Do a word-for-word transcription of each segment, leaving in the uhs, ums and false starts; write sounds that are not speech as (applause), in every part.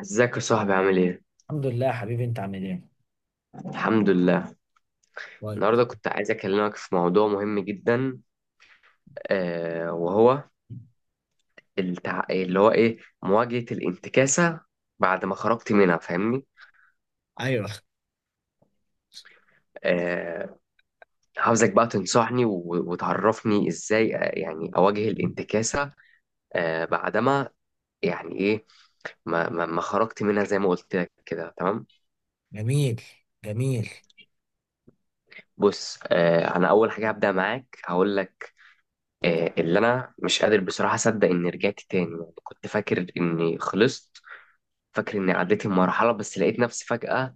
ازيك يا صاحبي عامل ايه؟ الحمد لله يا حبيبي، انت عامل ايه؟ الحمد لله. كويس. النهارده كنت عايز اكلمك في موضوع مهم جدا. آه وهو التع... اللي هو ايه، مواجهة الانتكاسة بعد ما خرجت منها، فاهمني؟ ايوه. آه. عاوزك بقى تنصحني و... وتعرفني ازاي، آه، يعني اواجه الانتكاسة. آه بعدما، يعني ايه، ما... ما... ما خرجت منها زي ما قلت لك كده، تمام؟ جميل، جميل. بص، آه انا اول حاجة هبدأ معاك هقول لك، اللي انا مش قادر بصراحة اصدق اني رجعت تاني. يعني كنت فاكر اني خلصت، فاكر إني عديت المرحلة، بس لقيت نفسي فجأة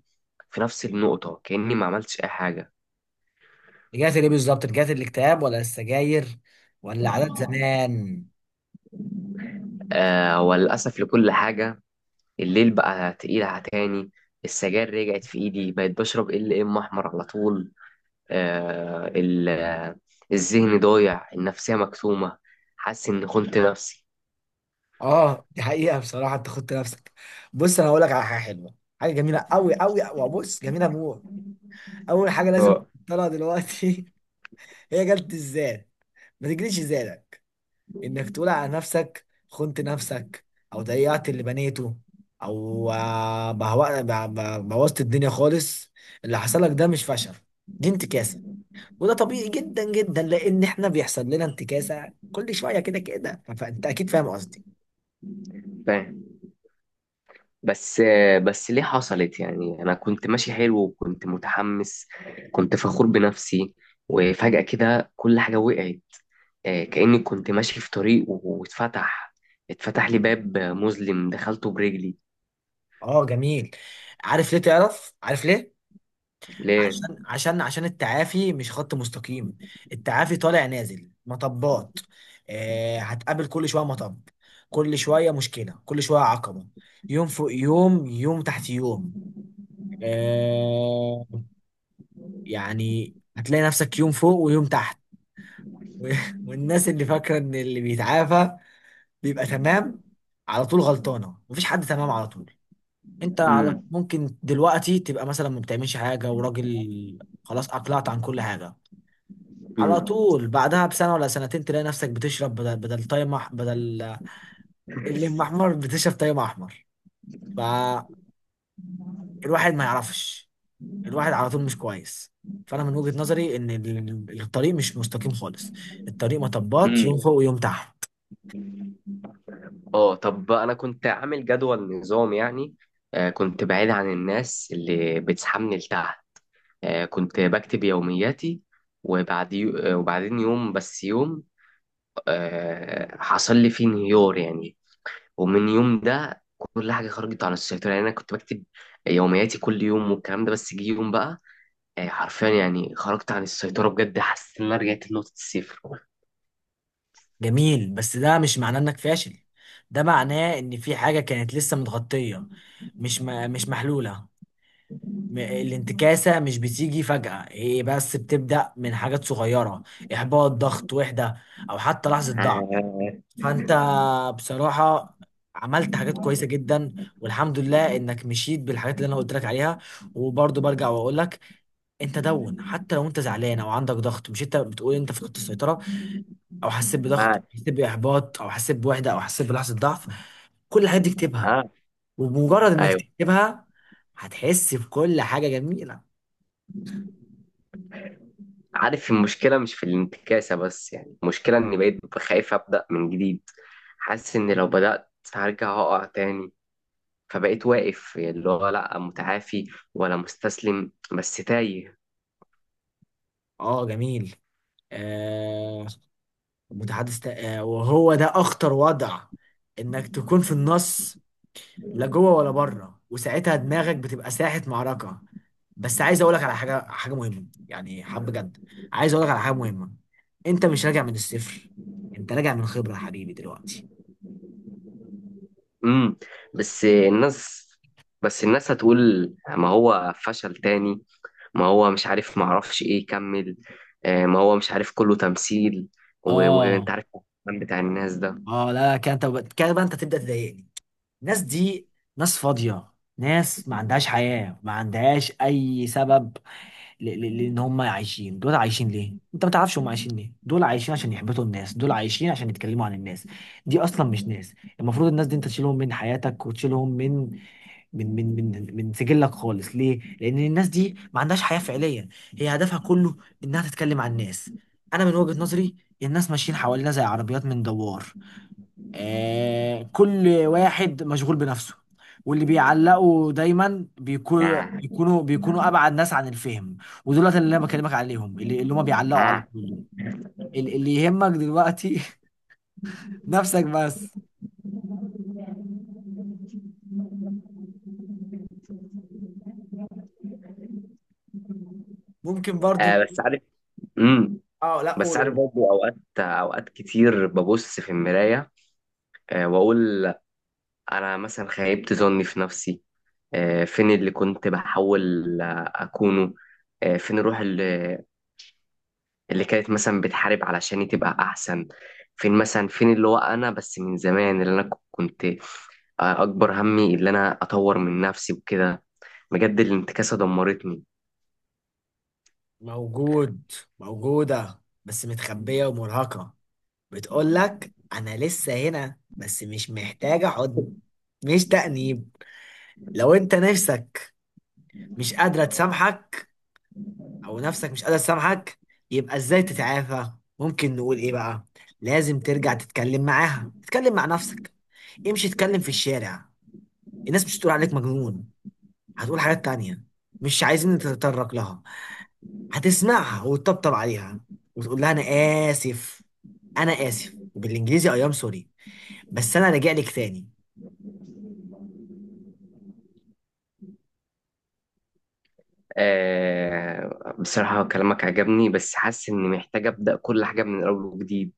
في نفس النقطة كأني ما عملتش أي حاجة. رجعت ليه بالظبط؟ رجعت الاكتئاب ولا السجاير ولا عادات زمان؟ آه وللأسف لكل حاجة. الليل بقى تقيل على تاني، السجاير رجعت في إيدي، بقيت بشرب ال ام أحمر على طول. آه ال- آه، الذهن ضايع، النفسية مكتومة، حاسس إني خنت نفسي. اه دي حقيقة، بصراحة انت خدت نفسك. بص انا هقول لك على حاجة حلوة، حاجة جميلة قوي قوي، وبص جميلة موت. اول حاجة لازم اه. تطلع دلوقتي (laughs) هي جلد الذات. ما تجريش الزيادة انك تقول على نفسك خنت نفسك، او ضيعت اللي بنيته، او آه، بهو- ب- ب- بوظت الدنيا خالص. اللي حصل لك ده مش فشل، دي انتكاسة. وده طبيعي جدا جدا، لان احنا بيحصل لنا انتكاسة كل شوية كده كده. فانت اكيد فاهم قصدي. فاهم. بس آه بس ليه حصلت؟ يعني أنا كنت ماشي حلو وكنت متحمس، كنت فخور بنفسي، وفجأة كده كل حاجة وقعت. آه، كأني كنت ماشي في طريق و- واتفتح، اتفتح لي اه. باب مظلم دخلته برجلي. اه جميل. عارف ليه؟ تعرف عارف ليه؟ ليه؟ عشان عشان عشان التعافي مش خط مستقيم. التعافي طالع نازل مطبات. آه، هتقابل كل شويه مطب، كل شويه مشكله، كل شويه عقبه. يوم فوق يوم، يوم تحت يوم. آه. يعني هتلاقي نفسك يوم فوق ويوم تحت. (laughs) والناس اللي فاكره ان اللي بيتعافى بيبقى تمام على طول غلطانه. مفيش حد تمام على طول. انت على امم. ممكن دلوقتي تبقى مثلا ما بتعملش حاجه وراجل، خلاص اقلعت عن كل حاجه، على امم. طول بعدها بسنة ولا سنتين تلاقي نفسك بتشرب بدل بدل تايم أح- بدل الليمون احمر (laughs) بتشرب تايم احمر. فالواحد ما يعرفش. الواحد على طول مش كويس. فانا من وجهة نظري ان ال- الطريق مش مستقيم خالص. الطريق مطبات، يوم امم. فوق ويوم تحت. اه، طب بقى انا كنت عامل جدول نظام يعني. آه، كنت بعيد عن الناس اللي بتسحبني لتحت، آه، كنت بكتب يومياتي، وبعد يو- آه، وبعدين يوم بس يوم آه، حصل لي فيه انهيار يعني، ومن يوم ده كل حاجة خرجت عن السيطرة. يعني أنا كنت بكتب يومياتي كل يوم والكلام ده، بس جه يوم بقى آه، حرفيا يعني خرجت عن السيطرة بجد، حسيت إن أنا رجعت لنقطة الصفر. جميل، بس ده مش معناه انك فاشل. ده معناه ان في حاجة كانت لسه متغطية، مش م- مش محلولة. م- الانتكاسة مش بتيجي فجأة، هي بس بتبدأ من حاجات صغيرة: إحباط، ضغط، وحدة، أو حتى لحظة ضعف. آه. فأنت بصراحة عملت حاجات كويسة جدا، والحمد لله إنك مشيت بالحاجات اللي أنا قلت لك عليها. وبرضه برجع وأقول لك، أنت دون حتى لو أنت زعلان أو عندك ضغط، مش أنت بتقول أنت فقدت السيطرة أو حسيت بضغط آه. أو حسيت بإحباط أو حسيت بوحدة أو حسيت بلحظة ضعف، كل الحاجات دي اكتبها. آه. وبمجرد إنك أيوه. تكتبها هتحس بكل حاجة جميلة. عارف المشكلة مش في الانتكاسة بس، يعني المشكلة إني بقيت خايف أبدأ من جديد، حاسس إن لو بدأت هرجع أقع تاني، فبقيت واقف، اللي هو لأ متعافي ولا مستسلم، بس تايه. اه جميل. آه. متحدث تا- آه وهو ده اخطر وضع، انك تكون في النص، لا جوه ولا بره، وساعتها دماغك بتبقى ساحة معركة. بس عايز اقولك على حاجة، حاجة مهمة يعني، حب جد. عايز اقولك على حاجة مهمة، انت مش راجع من الصفر، انت راجع من خبرة يا حبيبي دلوقتي. امم. بس الناس بس الناس هتقول ما هو فشل تاني، ما هو مش عارف، ما اعرفش ايه يكمل. آه، ما هو مش عارف كله تمثيل. و- اه. وانت عارف الكلام بتاع الناس ده. اه لا كده، انت كده بقى انت تبدأ تضايقني. الناس دي ناس فاضية، ناس ما عندهاش حياة، ما عندهاش أي سبب. ل- ل- لان هم عايشين. دول عايشين ليه انت ما تعرفش؟ هم عايشين ليه؟ دول عايشين عشان يحبطوا الناس، دول عايشين عشان يتكلموا عن الناس. دي اصلا مش ناس. المفروض الناس دي انت تشيلهم من حياتك وتشيلهم من من من من من سجلك خالص. ليه؟ لان الناس دي ما عندهاش حياة فعليا. هي هدفها كله انها تتكلم عن الناس. انا من وجهة نظري الناس ماشيين حوالينا زي عربيات من دوار، آه، كل واحد مشغول بنفسه. واللي بيعلقوا دايما بيكون آه. بيكونوا بيكونوا ابعد ناس عن الفهم. ودولت اللي انا بكلمك عليهم، اللي اللي هم بيعلقوا على آه. طول دول. ال- اللي يهمك دلوقتي (laughs) نفسك بس. ممكن برضو آه نقول- بس عارف. امم. اه لا بس قول عارف قول. برضه اوقات، اوقات كتير ببص في المراية آه واقول انا مثلا خيبت ظني في نفسي. آه فين اللي كنت بحاول آه، اكونه؟ آه فين الروح اللي اللي كانت مثلا بتحارب علشان تبقى احسن؟ فين مثلا، فين اللي هو انا بس من زمان؟ اللي انا كنت اكبر همي اللي انا اطور من نفسي وكده. بجد الانتكاسه دمرتني. موجود، موجودة بس متخبية ومرهقة. بتقول لك انا لسه هنا بس مش محتاجة حضن، مش تأنيب. لو انت نفسك مش قادرة تسامحك، او نفسك مش قادر تسامحك، يبقى ازاي تتعافى؟ ممكن نقول ايه بقى؟ لازم ترجع تتكلم معاها. اتكلم مع نفسك، امشي اتكلم في الشارع. الناس مش هتقول عليك مجنون، هتقول حاجات تانية مش عايزين نتطرق لها. هتسمعها وتطبطب عليها وتقول لها انا اسف. انا اسف، وبالانجليزي اي ام سوري. بس انا راجع لك تاني. أه بصراحه كلامك عجبني، بس حاسس اني محتاج ابدا كل حاجه من الاول وجديد.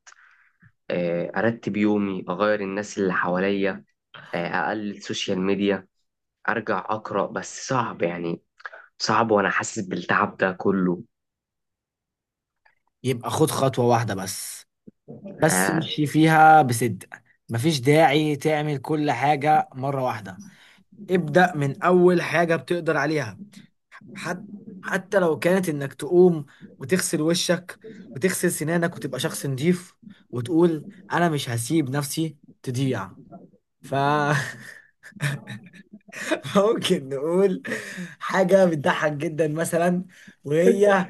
أه ارتب يومي، اغير الناس اللي حواليا، أه اقلل السوشيال ميديا، ارجع اقرا، بس صعب يعني. صعب وانا حاسس بالتعب ده كله. يبقى خد خطوة واحدة بس، بس أه. امشي فيها بصدق. مفيش داعي تعمل كل حاجة مرة واحدة. ابدأ من أول حاجة بتقدر عليها، حتى حتى لو كانت إنك تقوم وتغسل وشك وتغسل سنانك وتبقى شخص نظيف، وتقول أنا مش هسيب نفسي تضيع. ف (laughs) ممكن نقول حاجة بتضحك جدا مثلا، وهي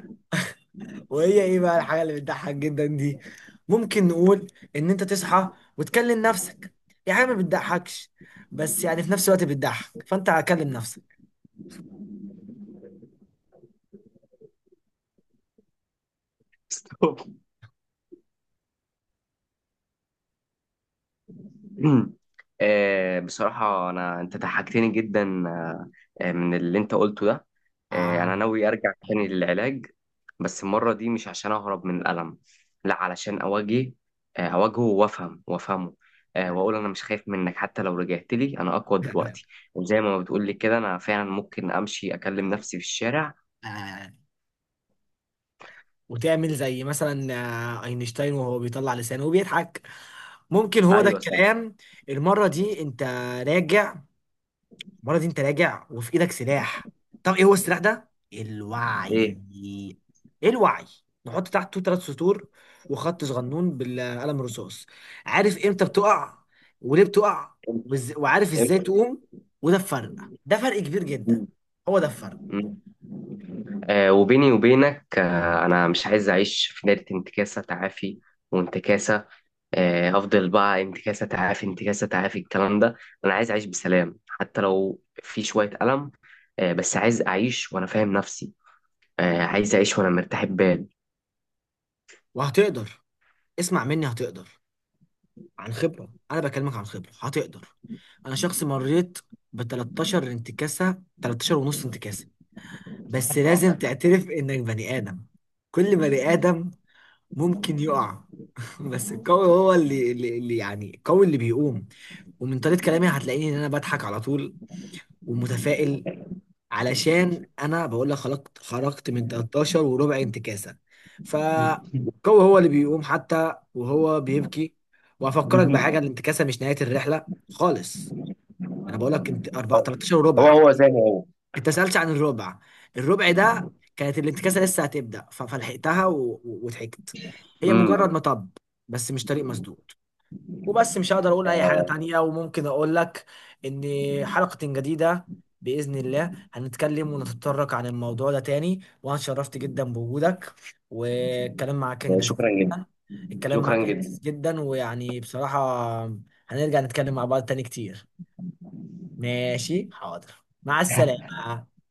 وهي إيه بقى الحاجة اللي بتضحك جدا دي؟ ممكن نقول إن أنت تصحى وتكلم نفسك. يعني حاجة ما بتضحكش، بس يعني في نفس الوقت بتضحك. فأنت هكلم نفسك. (laughs) (clears throat) آه، بصراحة أنا أنت ضحكتني جدا، آه، آه، من اللي أنت قلته ده. آه، أنا آه. ناوي أرجع تاني للعلاج، بس المرة دي مش عشان أهرب من الألم، لا، علشان أواجه. آه، أواجهه وأفهم وأفهمه، آه، وأقول أنا مش خايف منك، حتى لو رجعت لي أنا أقوى دلوقتي. وزي ما بتقول لي كده أنا فعلا ممكن أمشي أكلم نفسي في الشارع. آه، وتعمل زي مثلا آه، اينشتاين وهو بيطلع لسانه وبيضحك. ممكن هو ده أيوة، صح. الكلام. المرة دي انت راجع. المرة دي انت راجع وفي ايدك سلاح. طب ايه هو السلاح ده؟ الوعي. إيه. ايه الوعي؟ نحط تحته ثلاث سطور وخط صغنون بالقلم الرصاص. عارف امتى بتقع وليه بتقع، وإز- وعارف ازاي إمتى. تقوم. وده الفرق، ده فرق كبير جدا، هو ده الفرق. مم. آه وبيني وبينك آه أنا مش عايز أعيش في دايرة انتكاسة تعافي وانتكاسة. آه أفضل بقى انتكاسة تعافي انتكاسة تعافي الكلام ده. أنا عايز أعيش بسلام حتى لو في شوية ألم، آه بس عايز أعيش وأنا فاهم نفسي، آه عايز أعيش وأنا مرتاح البال. وهتقدر، اسمع مني هتقدر. عن خبرة، أنا بكلمك عن خبرة، هتقدر. أنا شخص مريت ب تلتاشر انتكاسة، تلتاشر ونص انتكاسة. بس لازم تعترف إنك بني آدم، كل بني آدم ممكن يقع. (laughs) بس القوي هو اللي, اللي, اللي يعني القوي اللي بيقوم. ومن طريقة كلامي هتلاقيني إن أنا بضحك على طول ومتفائل، علشان انا بقول لك خرجت خرجت من تلتاشر وربع انتكاسه. فهو هو اللي بيقوم حتى وهو بيبكي. وافكرك بحاجه، مم. الانتكاسه مش نهايه الرحله خالص. انا بقول لك انت أربعة- تلتاشر هو وربع. هو زي ما هو. انت سالتش عن الربع. الربع ده كانت الانتكاسه لسه هتبدا ف- فلحقتها و- و- وضحكت. هي مجرد مم. مطب، بس مش طريق مسدود. وبس مش هقدر اقول اي حاجه تانية، وممكن اقول لك ان حلقه جديده باذن الله هنتكلم ونتطرق عن الموضوع ده تاني. وانا اتشرفت جدا بوجودك، والكلام معاك كان لذيذ شكرا جدا. جدا. الكلام معاك شكرا كان جدا. لذيذ جدا، ويعني بصراحه هنرجع نتكلم مع بعض تاني كتير. ماشي، حاضر. مع السلامه.